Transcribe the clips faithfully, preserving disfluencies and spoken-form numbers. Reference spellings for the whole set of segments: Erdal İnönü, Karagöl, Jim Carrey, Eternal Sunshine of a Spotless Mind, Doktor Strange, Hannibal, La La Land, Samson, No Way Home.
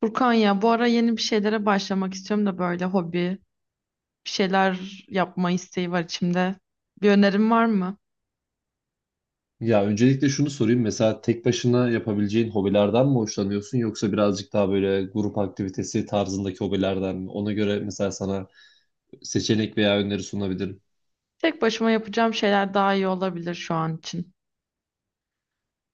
Furkan ya bu ara yeni bir şeylere başlamak istiyorum da böyle hobi, bir şeyler yapma isteği var içimde. Bir önerim var mı? Ya öncelikle şunu sorayım. Mesela tek başına yapabileceğin hobilerden mi hoşlanıyorsun, yoksa birazcık daha böyle grup aktivitesi tarzındaki hobilerden mi? Ona göre mesela sana seçenek veya öneri sunabilirim. Tek başıma yapacağım şeyler daha iyi olabilir şu an için.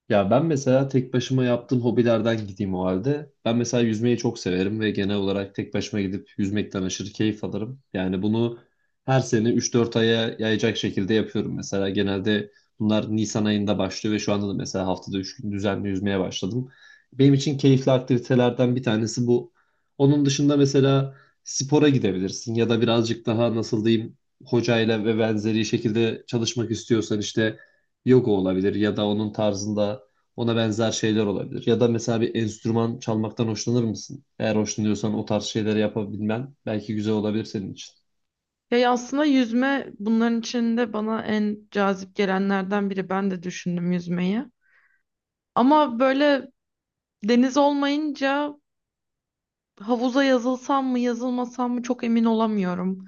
Ya ben mesela tek başıma yaptığım hobilerden gideyim o halde. Ben mesela yüzmeyi çok severim ve genel olarak tek başıma gidip yüzmekten aşırı keyif alırım. Yani bunu her sene üç dört aya yayacak şekilde yapıyorum mesela. Genelde bunlar Nisan ayında başlıyor ve şu anda da mesela haftada üç gün düzenli yüzmeye başladım. Benim için keyifli aktivitelerden bir tanesi bu. Onun dışında mesela spora gidebilirsin, ya da birazcık daha, nasıl diyeyim, hocayla ve benzeri şekilde çalışmak istiyorsan işte yoga olabilir, ya da onun tarzında ona benzer şeyler olabilir. Ya da mesela bir enstrüman çalmaktan hoşlanır mısın? Eğer hoşlanıyorsan, o tarz şeyleri yapabilmen belki güzel olabilir senin için. Ya aslında yüzme bunların içinde bana en cazip gelenlerden biri. Ben de düşündüm yüzmeyi. Ama böyle deniz olmayınca havuza yazılsam mı yazılmasam mı çok emin olamıyorum.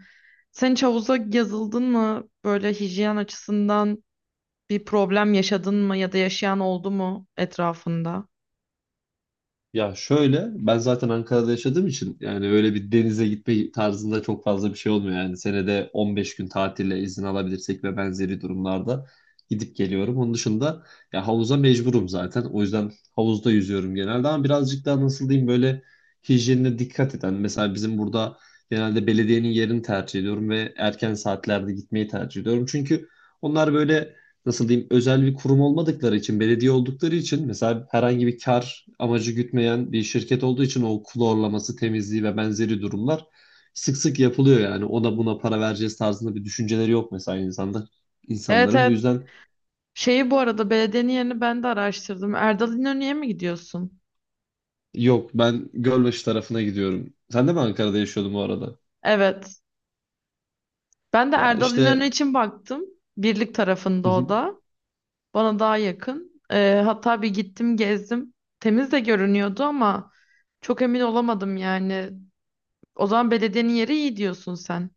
Sen hiç havuza yazıldın mı? Böyle hijyen açısından bir problem yaşadın mı ya da yaşayan oldu mu etrafında? Ya şöyle, ben zaten Ankara'da yaşadığım için yani öyle bir denize gitme tarzında çok fazla bir şey olmuyor. Yani senede on beş gün tatile izin alabilirsek ve benzeri durumlarda gidip geliyorum. Onun dışında ya havuza mecburum zaten. O yüzden havuzda yüzüyorum genelde, ama birazcık daha, nasıl diyeyim, böyle hijyenine dikkat eden. Mesela bizim burada genelde belediyenin yerini tercih ediyorum ve erken saatlerde gitmeyi tercih ediyorum. Çünkü onlar böyle, nasıl diyeyim, özel bir kurum olmadıkları için, belediye oldukları için, mesela herhangi bir kar amacı gütmeyen bir şirket olduğu için o klorlaması, temizliği ve benzeri durumlar sık sık yapılıyor yani. Ona buna para vereceğiz tarzında bir düşünceleri yok mesela insanlar, Evet, insanların. Bu evet. yüzden... Şeyi bu arada belediyenin yerini ben de araştırdım. Erdal İnönü'ye mi gidiyorsun? Yok, ben Gölbaşı tarafına gidiyorum. Sen de mi Ankara'da yaşıyordun bu arada? Evet. Ben de Ya Erdal işte... İnönü için baktım. Birlik tarafında o da. Bana daha yakın. Ee, hatta bir gittim gezdim. Temiz de görünüyordu ama çok emin olamadım yani. O zaman belediyenin yeri iyi diyorsun sen.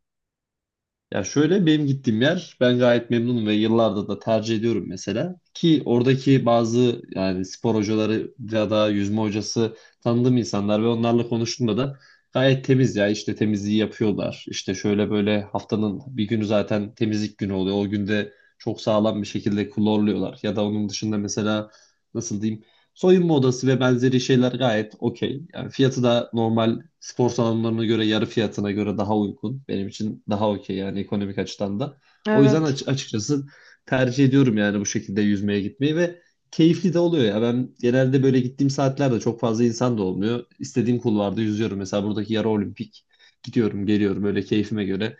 Ya şöyle, benim gittiğim yer, ben gayet memnunum ve yıllardır da tercih ediyorum mesela. Ki oradaki bazı yani spor hocaları ya da yüzme hocası tanıdığım insanlar ve onlarla konuştuğumda da gayet temiz, ya işte temizliği yapıyorlar. İşte şöyle böyle haftanın bir günü zaten temizlik günü oluyor. O günde çok sağlam bir şekilde klorluyorlar. Ya da onun dışında, mesela, nasıl diyeyim, soyunma odası ve benzeri şeyler gayet okey. Yani fiyatı da normal spor salonlarına göre yarı fiyatına göre daha uygun. Benim için daha okey yani, ekonomik açıdan da. O yüzden Evet. aç- açıkçası tercih ediyorum yani bu şekilde yüzmeye gitmeyi ve keyifli de oluyor ya. Ben genelde böyle gittiğim saatlerde çok fazla insan da olmuyor. İstediğim kulvarda yüzüyorum. Mesela buradaki yarı olimpik, gidiyorum, geliyorum öyle keyfime göre.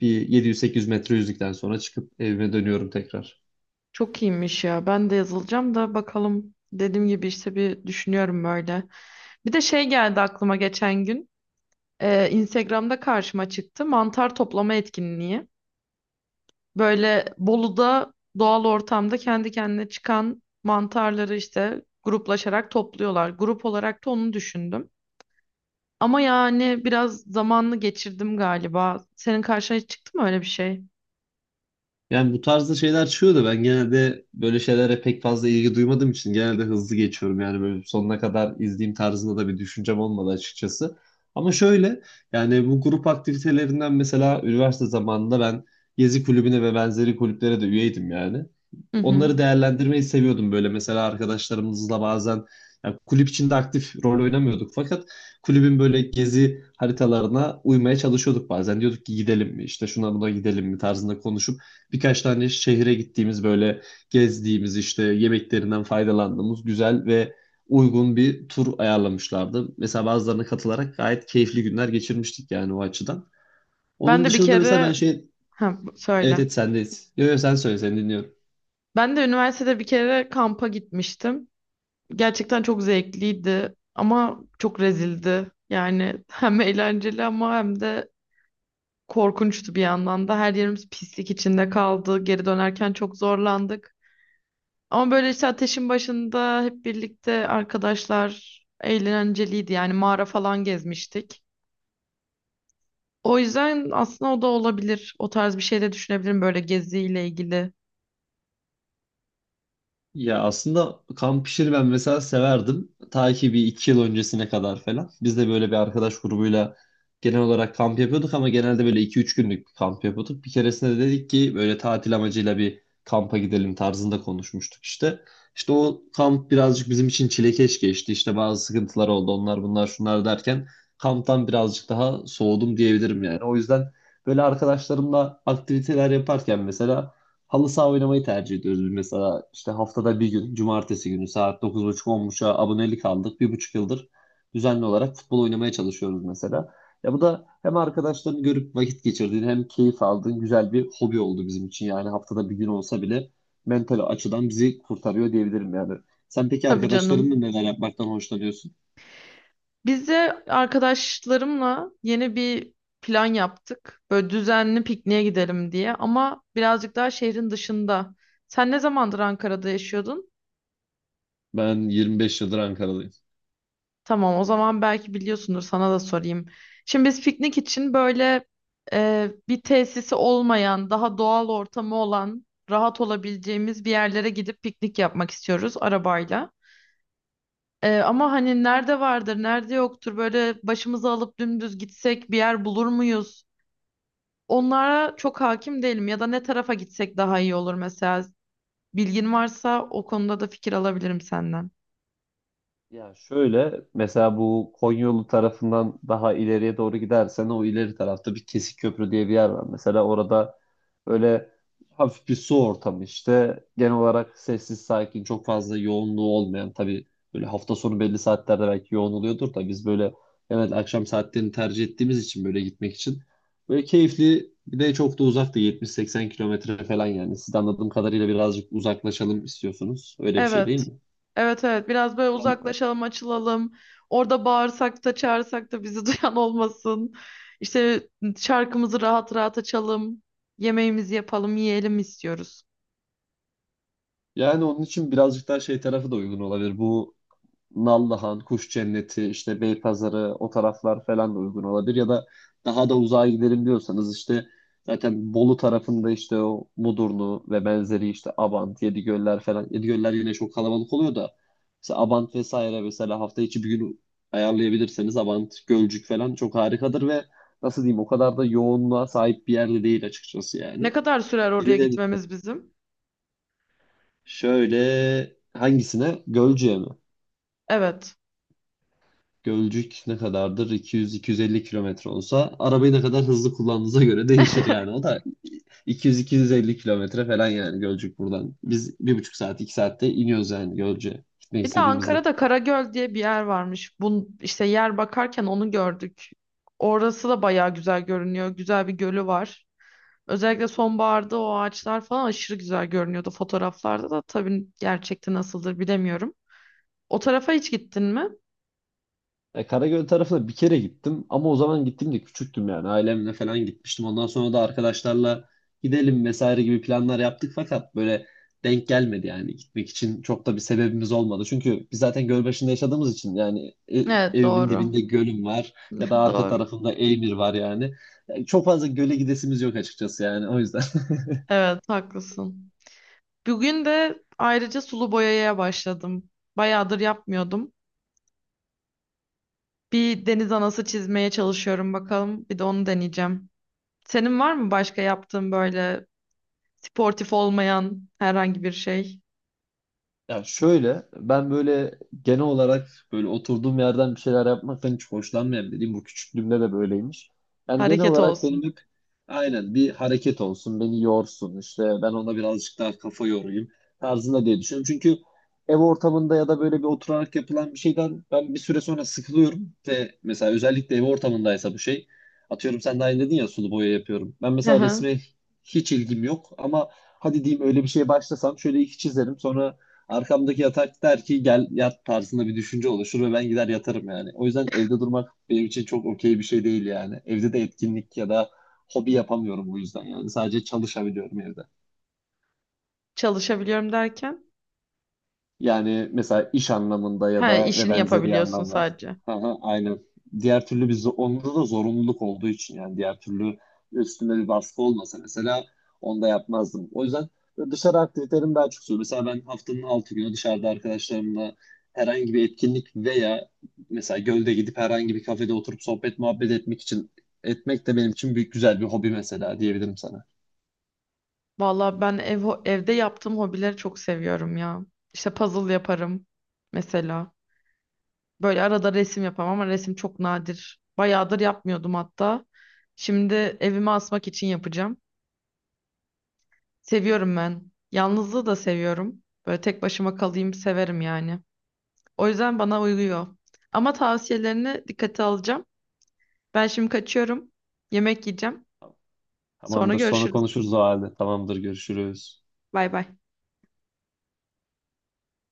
Bir yedi yüz sekiz yüz metre yüzdükten sonra çıkıp evime dönüyorum tekrar. Çok iyiymiş ya. Ben de yazılacağım da bakalım. Dediğim gibi işte bir düşünüyorum böyle. Bir de şey geldi aklıma geçen gün. Ee, Instagram'da karşıma çıktı. Mantar toplama etkinliği. Böyle Bolu'da doğal ortamda kendi kendine çıkan mantarları işte gruplaşarak topluyorlar. Grup olarak da onu düşündüm. Ama yani biraz zamanını geçirdim galiba. Senin karşına hiç çıktı mı öyle bir şey? Yani bu tarzda şeyler çıkıyor da ben genelde böyle şeylere pek fazla ilgi duymadığım için genelde hızlı geçiyorum. Yani böyle sonuna kadar izleyeyim tarzında da bir düşüncem olmadı açıkçası. Ama şöyle, yani bu grup aktivitelerinden mesela üniversite zamanında ben gezi kulübüne ve benzeri kulüplere de üyeydim yani. Hı hı. Onları değerlendirmeyi seviyordum. Böyle mesela arkadaşlarımızla bazen, yani kulüp içinde aktif rol oynamıyorduk, fakat kulübün böyle gezi haritalarına uymaya çalışıyorduk bazen. Diyorduk ki gidelim mi, işte şuna buna gidelim mi tarzında konuşup birkaç tane şehre gittiğimiz, böyle gezdiğimiz, işte yemeklerinden faydalandığımız güzel ve uygun bir tur ayarlamışlardı. Mesela bazılarına katılarak gayet keyifli günler geçirmiştik yani, o açıdan. Ben Onun de bir dışında da mesela ben kere. şey... Ha, bu- Evet söyle. evet, sendeyiz. Yo yo, sen söyle, seni dinliyorum. Ben de üniversitede bir kere kampa gitmiştim. Gerçekten çok zevkliydi ama çok rezildi. Yani hem eğlenceli ama hem de korkunçtu bir yandan da. Her yerimiz pislik içinde kaldı. Geri dönerken çok zorlandık. Ama böyle işte ateşin başında hep birlikte arkadaşlar eğlenceliydi. Yani mağara falan gezmiştik. O yüzden aslında o da olabilir. O tarz bir şey de düşünebilirim böyle geziyle ilgili. Ya aslında kamp işini ben mesela severdim. Ta ki bir iki yıl öncesine kadar falan. Biz de böyle bir arkadaş grubuyla genel olarak kamp yapıyorduk, ama genelde böyle iki üç günlük bir kamp yapıyorduk. Bir keresinde de dedik ki böyle tatil amacıyla bir kampa gidelim tarzında konuşmuştuk işte. İşte o kamp birazcık bizim için çilekeş geçti. İşte bazı sıkıntılar oldu, onlar bunlar şunlar derken kamptan birazcık daha soğudum diyebilirim yani. O yüzden böyle arkadaşlarımla aktiviteler yaparken mesela halı saha oynamayı tercih ediyoruz biz mesela. İşte haftada bir gün, cumartesi günü saat dokuz buçuk, on, 1030a abonelik aldık. Bir buçuk yıldır düzenli olarak futbol oynamaya çalışıyoruz mesela. Ya bu da hem arkadaşlarını görüp vakit geçirdiğin, hem keyif aldığın güzel bir hobi oldu bizim için. Yani haftada bir gün olsa bile mental açıdan bizi kurtarıyor diyebilirim yani. Sen peki Tabii arkadaşlarınla canım. neler yapmaktan hoşlanıyorsun? Biz de arkadaşlarımla yeni bir plan yaptık. Böyle düzenli pikniğe gidelim diye ama birazcık daha şehrin dışında. Sen ne zamandır Ankara'da yaşıyordun? Ben yirmi beş yıldır Ankara'dayım. Tamam, o zaman belki biliyorsundur, sana da sorayım. Şimdi biz piknik için böyle e, bir tesisi olmayan, daha doğal ortamı olan, rahat olabileceğimiz bir yerlere gidip piknik yapmak istiyoruz arabayla. E, ama hani nerede vardır, nerede yoktur, böyle başımıza alıp dümdüz gitsek bir yer bulur muyuz? Onlara çok hakim değilim ya da ne tarafa gitsek daha iyi olur mesela. Bilgin varsa o konuda da fikir alabilirim senden. Ya şöyle, mesela bu Konyolu tarafından daha ileriye doğru gidersen, o ileri tarafta bir Kesik Köprü diye bir yer var. Mesela orada böyle hafif bir su ortamı, işte genel olarak sessiz sakin, çok fazla yoğunluğu olmayan, tabii böyle hafta sonu belli saatlerde belki yoğun oluyordur da, biz böyle genelde akşam saatlerini tercih ettiğimiz için böyle gitmek için böyle keyifli, bir de çok da uzak da, yetmiş seksen kilometre falan yani. Siz de anladığım kadarıyla birazcık uzaklaşalım istiyorsunuz, öyle bir şey değil Evet. mi? Evet, evet, biraz böyle uzaklaşalım, açılalım. Orada bağırsak da çağırsak da bizi duyan olmasın. İşte şarkımızı rahat rahat açalım. Yemeğimizi yapalım, yiyelim istiyoruz. Yani onun için birazcık daha şey tarafı da uygun olabilir. Bu Nallıhan, Kuş Cenneti, işte Beypazarı, o taraflar falan da uygun olabilir. Ya da daha da uzağa gidelim diyorsanız işte zaten Bolu tarafında işte o Mudurnu ve benzeri, işte Abant, Yedigöller falan. Yedigöller yine çok kalabalık oluyor da, mesela Abant vesaire, mesela hafta içi bir gün ayarlayabilirseniz Abant, Gölcük falan çok harikadır ve, nasıl diyeyim, o kadar da yoğunluğa sahip bir yerde değil açıkçası Ne yani. kadar sürer oraya gitmemiz bizim? Şöyle, hangisine? Gölcük'e mi? Evet. Gölcük ne kadardır? iki yüz iki yüz elli kilometre olsa arabayı ne kadar hızlı kullandığınıza göre değişir yani. O da iki yüz iki yüz elli kilometre falan yani Gölcük buradan. Biz bir buçuk saat, iki saatte iniyoruz yani Gölcük'e gitmek Bir de istediğimizde. Ankara'da Karagöl diye bir yer varmış. Bun işte yer bakarken onu gördük. Orası da bayağı güzel görünüyor. Güzel bir gölü var. Özellikle sonbaharda o ağaçlar falan aşırı güzel görünüyordu fotoğraflarda da. Tabii gerçekte nasıldır bilemiyorum. O tarafa hiç gittin mi? E, Karagöl tarafına bir kere gittim, ama o zaman gittim de küçüktüm yani, ailemle falan gitmiştim. Ondan sonra da arkadaşlarla gidelim vesaire gibi planlar yaptık, fakat böyle denk gelmedi yani, gitmek için çok da bir sebebimiz olmadı. Çünkü biz zaten göl başında yaşadığımız için yani, e, Evet, evimin doğru. dibinde gölüm var, ya da arka Doğru. tarafımda Eymir var yani. Yani çok fazla göle gidesimiz yok açıkçası yani, o yüzden. Evet, haklısın. Bugün de ayrıca sulu boyaya başladım. Bayağıdır yapmıyordum. Bir deniz anası çizmeye çalışıyorum, bakalım. Bir de onu deneyeceğim. Senin var mı başka yaptığın böyle sportif olmayan herhangi bir şey? Ya şöyle, ben böyle genel olarak böyle oturduğum yerden bir şeyler yapmaktan hiç hoşlanmayan biriyim. Bu küçüklüğümde de böyleymiş. Yani genel Hareket olarak olsun. benim hep, aynen, bir hareket olsun, beni yorsun, işte ben ona birazcık daha kafa yorayım tarzında diye düşünüyorum. Çünkü ev ortamında ya da böyle bir oturarak yapılan bir şeyden ben bir süre sonra sıkılıyorum ve mesela özellikle ev ortamındaysa, bu şey, atıyorum sen de aynı dedin ya, sulu boya yapıyorum. Ben Hı mesela hı. resme hiç ilgim yok, ama hadi diyeyim öyle bir şeye başlasam şöyle iki çizerim, sonra arkamdaki yatak der ki gel yat tarzında bir düşünce oluşur ve ben gider yatarım yani. O yüzden evde durmak benim için çok okey bir şey değil yani. Evde de etkinlik ya da hobi yapamıyorum bu yüzden yani. Sadece çalışabiliyorum evde. Çalışabiliyorum derken? Yani mesela iş anlamında ya Ha, da ve işini benzeri yapabiliyorsun anlamlar. sadece. Aha, aynen. Diğer türlü biz, onda da zorunluluk olduğu için yani, diğer türlü üstüme bir baskı olmasa mesela onu da yapmazdım. O yüzden dışarı aktivitelerim daha çok oluyor. Mesela ben haftanın altı günü dışarıda arkadaşlarımla herhangi bir etkinlik, veya mesela gölde gidip herhangi bir kafede oturup sohbet muhabbet etmek için etmek de benim için büyük güzel bir hobi mesela, diyebilirim sana. Valla ben ev, evde yaptığım hobileri çok seviyorum ya. İşte puzzle yaparım mesela. Böyle arada resim yaparım ama resim çok nadir. Bayağıdır yapmıyordum hatta. Şimdi evime asmak için yapacağım. Seviyorum ben. Yalnızlığı da seviyorum. Böyle tek başıma kalayım severim yani. O yüzden bana uyuyor. Ama tavsiyelerini dikkate alacağım. Ben şimdi kaçıyorum. Yemek yiyeceğim. Sonra Tamamdır, sonra görüşürüz. konuşuruz o halde. Tamamdır, görüşürüz. Bay bay.